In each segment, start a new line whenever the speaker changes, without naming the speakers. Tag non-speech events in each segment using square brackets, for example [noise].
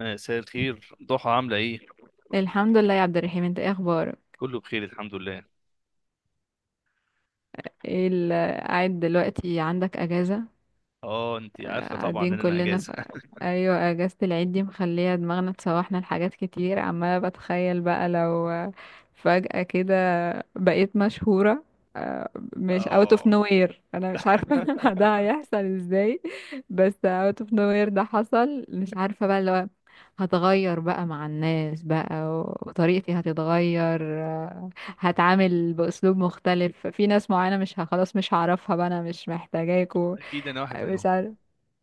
مساء الخير ضحى، عاملة ايه؟
الحمد لله يا عبد الرحيم، انت ايه اخبارك؟
كله بخير، الحمد لله.
ايه ال- قاعد دلوقتي عندك اجازة؟
اه، انتي عارفة طبعا
قاعدين
ان انا
كلنا
اجازة [laughs]
ايوه، اجازة العيد دي مخلية دماغنا تسوحنا لحاجات كتير. عمالة بتخيل بقى لو فجأة كده بقيت مشهورة. آه، مش out of
اه،
nowhere، انا مش عارفة [laughs] ده هيحصل ازاي. بس out of nowhere ده حصل، مش عارفة بقى. هتغير بقى مع الناس بقى، وطريقتي هتتغير. هتعامل بأسلوب مختلف في ناس معينة. مش ه- خلاص، مش هعرفها بقى، أنا مش محتاجاكوا.
اكيد انا واحد منهم.
مش عارف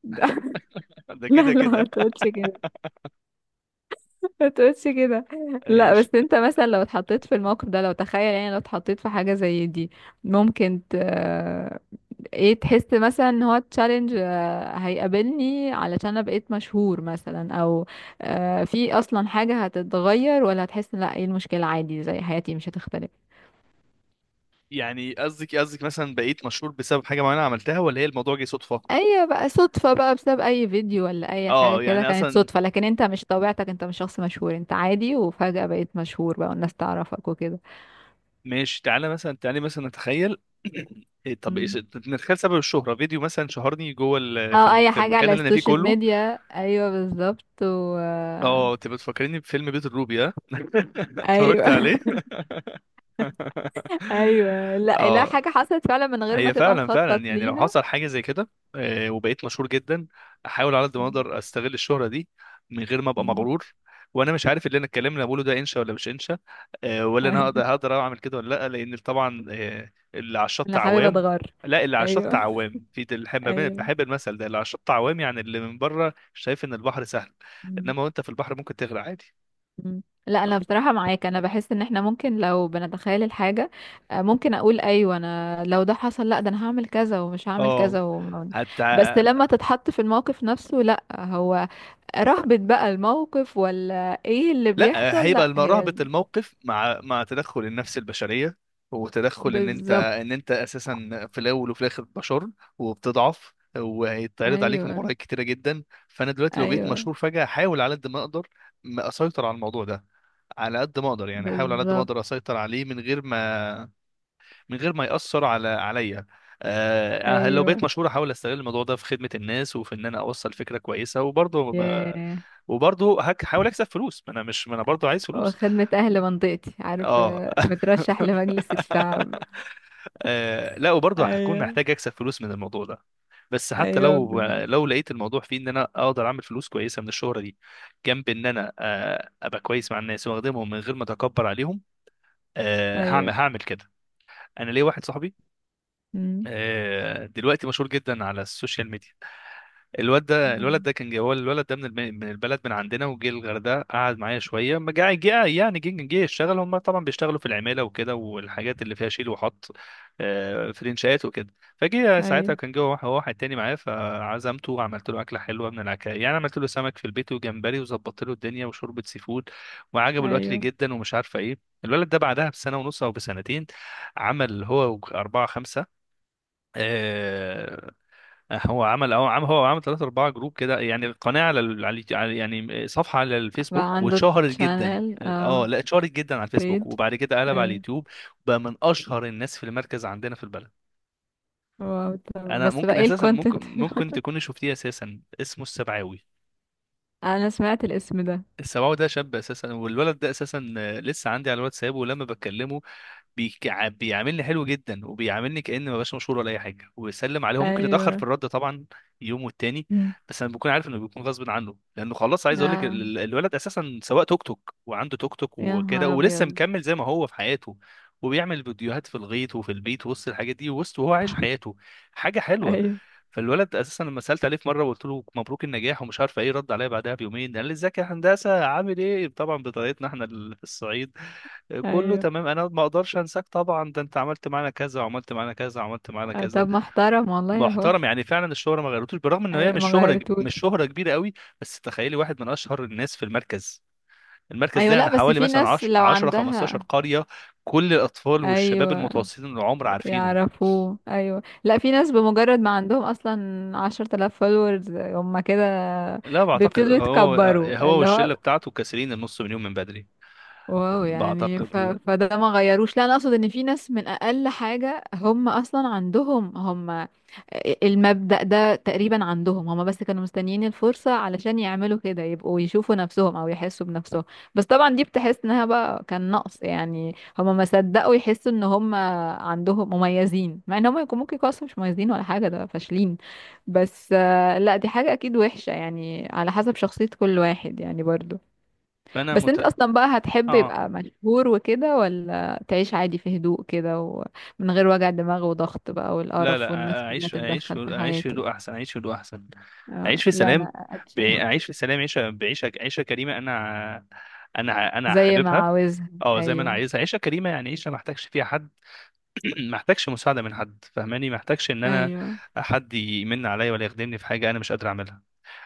[laughs]
[laughs] ده
لا
كده
لا، ما
كده.
تقولش كده، ما تقولش كده. لا
ايش؟
بس انت مثلا لو اتحطيت في الموقف ده، لو تخيل يعني لو اتحطيت في حاجة زي دي، ممكن ت... آه، ايه تحس مثلا ان هو تشالنج هيقابلني علشان انا بقيت مشهور مثلا، او في اصلا حاجة هتتغير، ولا هتحس ان لا، ايه المشكلة، عادي زي حياتي مش هتختلف؟
يعني قصدك مثلا بقيت مشهور بسبب حاجة معينة عملتها، ولا هي الموضوع جه صدفة؟
اي بقى صدفة، بقى بسبب اي فيديو ولا اي حاجة
اه،
كده
يعني
كانت
اصلا
صدفة، لكن انت مش طبيعتك، انت مش شخص مشهور، انت عادي وفجأة بقيت مشهور بقى والناس تعرفك
ماشي. تعالى مثلا نتخيل [coughs] [clears throat] إيه، طب إيه
وكده،
نتخيل سبب الشهرة فيديو مثلا شهرني جوه
او اي
في
حاجة
المكان
على
اللي انا فيه
السوشيال
كله.
ميديا. ايوه بالظبط. و
اه، تبقى بتفكريني بفيلم بيت الروبي، ها [laughs]
ايوه
اتفرجت
[laughs]
عليه [laughs]
ايوه. لا لا،
اه،
حاجة حصلت فعلا من غير ما
هي
تبقى
فعلا
مخطط
فعلا يعني لو
ليها.
حصل حاجه زي كده وبقيت مشهور جدا، احاول على قد ما اقدر استغل الشهره دي من غير ما ابقى
أمم.
مغرور. وانا مش عارف اللي انا الكلام اللي أنا بقوله ده انشا ولا مش انشا، ولا انا هقدر
ايوه.
هقدر اعمل كده ولا لا، لان طبعا اللي على الشط
انا حابب
عوام.
اتغر.
لا، اللي على الشط
ايوه.
عوام بحب
ايوه.
بحب المثل ده، اللي على الشط عوام يعني اللي من بره شايف ان البحر سهل،
أمم.
انما وانت في البحر ممكن تغرق عادي.
أمم. لا انا بصراحة معاك، انا بحس ان احنا ممكن لو بنتخيل الحاجة، ممكن اقول ايوه انا لو ده حصل لا، ده انا هعمل كذا ومش هعمل
اه،
كذا
حتى
بس لما تتحط في الموقف نفسه، لا هو رهبة بقى الموقف، ولا ايه اللي
لا،
بيحصل؟ لا هي
رهبة
ال-
الموقف مع مع تدخل النفس البشرية، وتدخل ان
بالظبط.
انت اساسا في الاول وفي الاخر بشر، وبتضعف، وهيتعرض عليك
ايوه.
مغريات كتيرة جدا. فانا دلوقتي لو بقيت
ايوه
مشهور فجأة، احاول على قد ما اقدر ما اسيطر على الموضوع ده، على قد ما اقدر، يعني احاول على قد ما
بالظبط.
اقدر اسيطر عليه من غير ما، من غير ما يأثر على عليا. آه أه، لو بقيت
ايوه.
مشهور احاول استغل الموضوع ده في خدمة الناس وفي ان انا اوصل فكرة كويسة. وبرضه ما-
ياه.
وبرضه هحاول اكسب فلوس، ما انا برضه عايز فلوس.
وخدمة اهل منطقتي،
اه [laughs]
عارفة، بترشح لمجلس الشعب.
لا، وبرضه هكون
ايوه.
محتاج اكسب فلوس من الموضوع ده. بس حتى
ايوه
لو
بالظبط.
لو لقيت الموضوع فيه ان انا اقدر اعمل فلوس كويسه من الشهره دي، جنب ان انا ابقى كويس مع الناس واخدمهم من غير ما اتكبر عليهم،
ايوه.
هعمل كده. انا ليا واحد صاحبي
مم.
دلوقتي مشهور جدا على السوشيال ميديا. الواد ده الولد ده كان جه هو، الولد ده من من البلد من عندنا، وجه الغردقه قعد معايا شويه. ما جه يعني جه يشتغل، هم طبعا بيشتغلوا في العماله وكده، والحاجات اللي فيها شيل وحط، في الانشاءات وكده. فجه ساعتها
ايوه.
كان جوه واحد تاني معايا، فعزمته وعملت له اكله حلوه من العكا، يعني عملت له سمك في البيت وجمبري وظبطت له الدنيا، وشوربه سي فود، وعجبه الاكل
ايوه.
جدا ومش عارفه ايه. الولد ده بعدها بسنه ونص او بسنتين عمل هو اربعه خمسه، آه، هو عمل اه، عمل ثلاثة أربعة جروب كده، يعني قناة يعني صفحة على
بقى
الفيسبوك،
عنده
واتشهرت جدا.
شانل،
اه
اه،
لا، اتشهرت جدا على
بيج.
الفيسبوك، وبعد كده قلب على
ايوه.
اليوتيوب. بقى من أشهر الناس في المركز عندنا في البلد.
واو، طب
أنا
بس بقى
ممكن
ايه
أساسا،
الكونتنت؟
ممكن تكوني شفتيه، أساسا اسمه السبعاوي.
[laughs] انا سمعت الاسم ده.
السماوي ده شاب اساسا، والولد ده اساسا لسه عندي على الواتساب، ولما بكلمه بيعاملني حلو جدا، وبيعاملني كأني ما بقاش مشهور ولا اي حاجه، ويسلم عليه. هو ممكن يتاخر في
ايوه.
الرد طبعا يوم والتاني،
مم.
بس انا بكون عارف انه بيكون غصب عنه، لانه خلاص. عايز اقول لك
اه.
الولد اساسا سواق توك توك، وعنده توك توك
يا نهار
وكده، ولسه
ابيض.
مكمل زي ما هو في حياته، وبيعمل فيديوهات في الغيط وفي البيت وسط الحاجات دي، وسط وهو عايش حياته. حاجه حلوه.
ايوه.
فالولد اساسا لما سالت عليه في مره وقلت له مبروك النجاح ومش عارف ايه، رد عليا بعدها بيومين قال لي ازيك يا هندسه، عامل ايه، طبعا بطريقتنا احنا [laughs] في الصعيد، كله
ايوه.
تمام، انا ما اقدرش انساك طبعا، ده انت عملت معانا كذا، وعملت معانا كذا، وعملت معانا كذا.
طب محترم والله اهو.
محترم يعني فعلا، الشهره ما غيرتوش، بالرغم ان هي
أيوة،
مش
ما
شهره،
غيرتوش.
مش شهره كبيره قوي. بس تخيلي واحد من اشهر الناس في المركز. المركز ده
ايوه، لا
يعني
بس
حوالي
في
مثلا
ناس
10
لو
10 15
عندها.
قريه، كل الاطفال والشباب
ايوه،
المتوسطين العمر عارفينه.
يعرفوه. ايوه، لا في ناس بمجرد ما عندهم اصلا 10 آلاف فولورز، هم كده
لا بعتقد
بيبتدوا
هو،
يتكبروا،
هو
اللي هو
والشله بتاعته كاسرين النص مليون من بدري.
واو. يعني
بعتقد لا.
فده ما غيروش. لا انا اقصد ان في ناس من اقل حاجة هم اصلا عندهم، هم المبدأ ده تقريبا عندهم. هما بس كانوا مستنيين الفرصة علشان يعملوا كده، يبقوا يشوفوا نفسهم او يحسوا بنفسهم. بس طبعا دي بتحس انها بقى كان نقص، يعني هما ما صدقوا يحسوا ان هما عندهم مميزين، مع ان هما يكون ممكن يكونوا أصلاً مش مميزين ولا حاجة، ده فاشلين. بس لا دي حاجة اكيد وحشة، يعني على حسب شخصية كل واحد يعني برضو.
فانا
بس
مت...
انت اصلا بقى هتحب
اه،
يبقى مشهور وكده، ولا تعيش عادي في هدوء كده ومن غير وجع دماغ وضغط بقى
لا لا،
والقرف والناس كلها تتدخل في
اعيش في
حياتي؟
هدوء احسن، اعيش في هدوء احسن، اعيش
اه،
في
لا
سلام.
انا. أت- [laughs]
اعيش في سلام عيشه، عيشه كريمه. انا انا
زي ما
حاببها،
عاوزها.
اه زي ما انا
ايوه.
عايزها، عيشه كريمه، يعني عيشه ما احتاجش فيها حد [clears throat] ما احتاجش مساعده من حد، فاهماني؟ ما احتاجش ان انا
ايوه.
حد يمن عليا ولا يخدمني في حاجه انا مش قادر اعملها.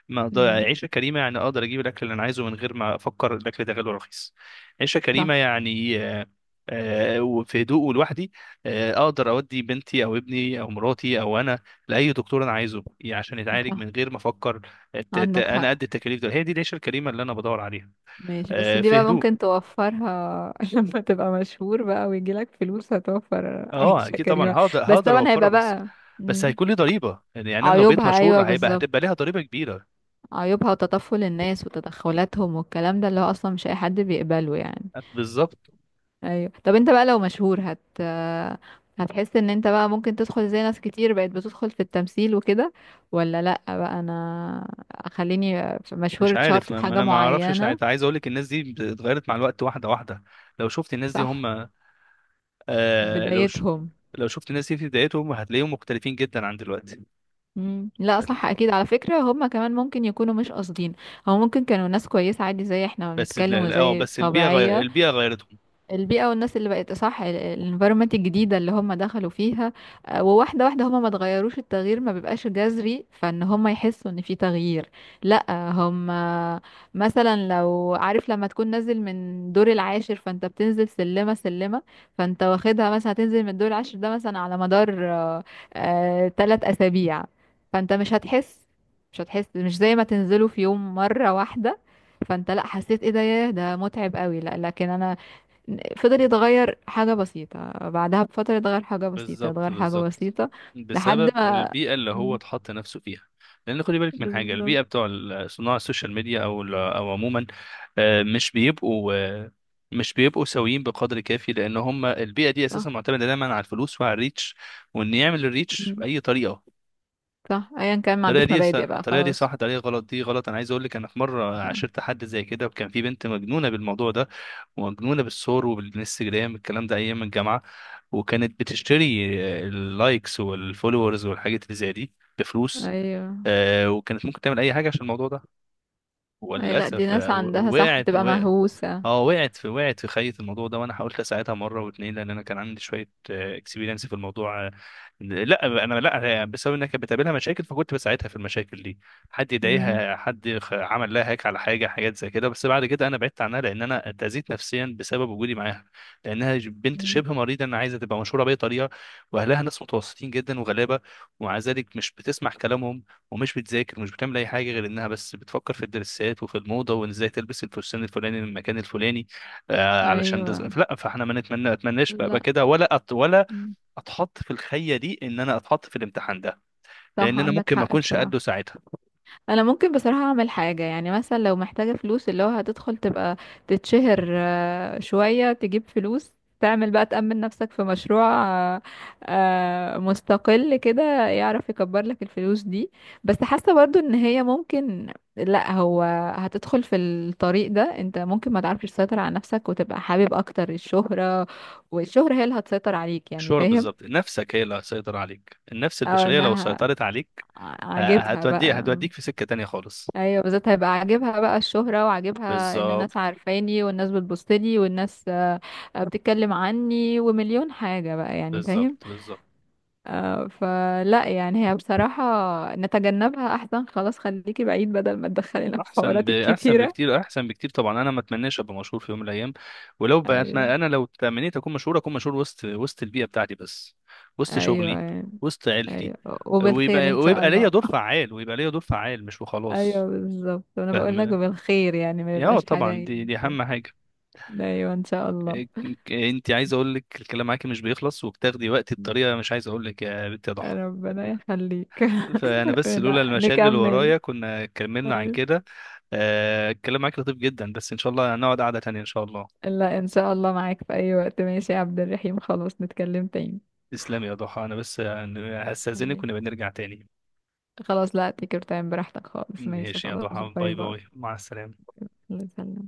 ما أقدر- يعني
امم.
عيشة كريمة، يعني أقدر أجيب الأكل اللي أنا عايزه من غير ما أفكر الأكل ده غالي ولا رخيص. عيشة كريمة
صح.
يعني وفي هدوء ولوحدي. أقدر أودي بنتي أو ابني أو مراتي أو أنا لأي دكتور أنا عايزه، عشان يتعالج
صح
من غير ما أفكر
عندك
أنا
حق.
قد التكاليف دول. هي دي العيشة الكريمة اللي أنا بدور عليها،
ماشي، بس دي
في
بقى
هدوء.
ممكن توفرها [laughs] لما تبقى مشهور بقى ويجيلك فلوس هتوفر
أه
عيشة
أكيد طبعا،
كريمة.
هقدر
بس
هقدر
طبعا
أوفرها،
هيبقى
بس،
بقى.
بس
مم.
هيكون لي ضريبة. يعني أنا لو بقيت
عيوبها،
مشهور
ايوه
هيبقى، هتبقى
بالظبط.
ليها ضريبة كبيرة.
عيوبها وتطفل الناس وتدخلاتهم والكلام ده اللي هو اصلا مش اي حد بيقبله يعني.
بالظبط.
ايوه، طب انت بقى لو مشهور هت، هتحس ان انت بقى ممكن تدخل زي ناس كتير بقت بتدخل في التمثيل وكده، ولا لا بقى انا خليني مشهور،
مش عارف،
اتشهرت في
ما ما
حاجة
انا ما اعرفش
معينة؟
ساعتها. عايز اقول لك الناس دي اتغيرت مع الوقت واحده واحده، لو شفت الناس دي
صح.
هم، آه لو ش...
بدايتهم.
لو شفت الناس دي في بدايتهم هتلاقيهم مختلفين جدا عن دلوقتي.
مم. لا صح
هت-
اكيد، على فكرة هم كمان ممكن يكونوا مش قاصدين. هو ممكن كانوا ناس كويسة عادي زي احنا ما
بس
بنتكلم
اه
وزي
بس البيئه غير...
طبيعية.
البيئه غيرتهم،
البيئة والناس اللي بقت، صح، الانفيرومنت الجديدة اللي هم دخلوا فيها. وواحدة واحدة، هم ما تغيروش، التغيير ما بيبقاش جذري فان هم يحسوا ان في تغيير. لا، هم مثلا لو عارف لما تكون نازل من دور العاشر، فانت بتنزل سلمة سلمة. فانت واخدها مثلا هتنزل من الدور العاشر ده مثلا على مدار 3 اسابيع. فانت مش هتحس، مش هتحس، مش زي ما تنزله في يوم مرة واحدة. فانت لا حسيت ايه ده، ياه ده متعب قوي. لا لكن انا فضل يتغير حاجة بسيطة، بعدها بفترة اتغير حاجة بسيطة،
بالظبط
اتغير حاجة
بالظبط،
بسيطة لحد
بسبب
ما.
البيئة اللي هو
مم.
اتحط نفسه فيها. لأن خدي بالك من حاجة،
بالظبط.
البيئة بتوع صناع السوشيال ميديا أو أو عموما مش بيبقوا مش بيبقوا سويين بقدر كافي، لأن هم البيئة دي أساسا
صح.
معتمدة دايما على الفلوس وعلى الريتش، وإن يعمل الريتش
مم.
بأي طريقة.
صح، ايا كان ما
الطريقة
عندوش
دي
مبادئ بقى،
الطريقة دي صح،
خلاص.
الطريقة غلط دي غلط. أنا عايز أقول لك، أنا في مرة
صح.
عاشرت حد زي كده، وكان في بنت مجنونة بالموضوع ده، مجنونة بالصور وبالانستجرام الكلام ده أيام الجامعة. وكانت بتشتري اللايكس والفولورز والحاجات اللي زي دي بفلوس،
ايوه.
وكانت ممكن تعمل أي حاجة عشان الموضوع ده.
اي لا دي
وللاسف
ناس عندها، صح، بتبقى
وقعت،
مهووسة.
اه، وقعت في خيط الموضوع ده. وانا حاولت اساعدها مره واتنين، لان انا كان عندي شويه اكسبيرينس في الموضوع. لا انا لا، بسبب انها كانت بتقابلها مشاكل، فكنت بساعدها في المشاكل دي. حد
مم.
يضايقها، حد عمل لها هيك على حاجه، حاجات زي كده. بس بعد كده انا بعدت عنها لان انا اتاذيت نفسيا بسبب وجودي معاها، لانها بنت
مم.
شبه مريضه، انا عايزه تبقى مشهوره باي طريقه. واهلها ناس متوسطين جدا وغلابه، ومع ذلك مش بتسمع كلامهم، ومش بتذاكر، ومش بتعمل اي حاجه غير انها بس بتفكر في الدرسات وفي الموضه، وان ازاي تلبس الفستان الفلاني من المكان الفلاني. آه علشان
ايوه.
لا، فاحنا ما نتمنى اتمناش بقى،
لا.
كده، ولا ولا
مم.
اتحط في الخيه دي، ان انا اتحط في الامتحان ده،
صح
لان انا
عندك
ممكن ما
حق
اكونش
بصراحة.
قده ساعتها.
انا ممكن بصراحة اعمل حاجة، يعني مثلا لو محتاجة فلوس اللي هو هتدخل تبقى تتشهر شوية تجيب فلوس، تعمل بقى تأمن نفسك في مشروع آه، مستقل كده يعرف يكبر لك الفلوس دي. بس حاسة برضو ان هي ممكن لا، هو هتدخل في الطريق ده انت ممكن ما تعرفش تسيطر على نفسك وتبقى حابب اكتر الشهرة، والشهرة هي اللي هتسيطر عليك، يعني
الشهرة
فاهم؟
بالظبط، نفسك هي اللي هتسيطر عليك، النفس
او
البشريه لو
انها
سيطرت عليك
عاجبها بقى.
هتوديك في سكه تانية خالص.
ايوه، بالذات هيبقى عاجبها بقى الشهرة، وعاجبها ان
بالظبط
الناس عارفاني والناس بتبصلي والناس بتتكلم عني ومليون حاجة بقى، يعني فاهم؟
بالظبط بالظبط.
فلا يعني هي بصراحة نتجنبها احسن، خلاص خليكي بعيد بدل ما تدخلينا في حوارات
احسن
الكتيرة.
بكتير، احسن بكتير طبعا. انا ما اتمناش ابقى مشهور في يوم من الايام، ولو
ايوه.
بقيتنا انا لو تمنيت اكون مشهور، اكون مشهور وسط، وسط البيئه بتاعتي بس، وسط
ايوه
شغلي،
يعني.
وسط عيلتي،
ايوه. وبالخير ان شاء
ويبقى ليا
الله.
دور فعال، مش وخلاص.
ايوه بالظبط، انا بقول لك
فاهم
وبالخير يعني ما
يا؟
يبقاش حاجة
طبعا
يعني.
دي اهم حاجه.
ايوه ان شاء الله.
انت، عايز اقول لك، الكلام معاكي مش بيخلص، وبتاخدي وقتي بطريقه، مش عايز اقول لك يا بنت يا ضحى،
ربنا يخليك
فانا
[laughs]
بس
لا
لولا المشاغل اللي
نكمل.
ورايا كنا كملنا عن
أيوة.
كده. الكلام معاك لطيف جدا، بس ان شاء الله هنقعد قعده تانيه ان شاء الله.
لا ان شاء الله معاك في اي وقت. ماشي يا عبد الرحيم، خلاص نتكلم تاني.
تسلم يا ضحى، انا بس يعني هستأذنك
خليك.
ونبقى نرجع تاني.
خلاص، لا تيكر تايم براحتك خالص. ماشي،
ماشي يا
خلاص،
ضحى،
باي
باي
باي.
باي، مع السلامة.
الله يسلمك.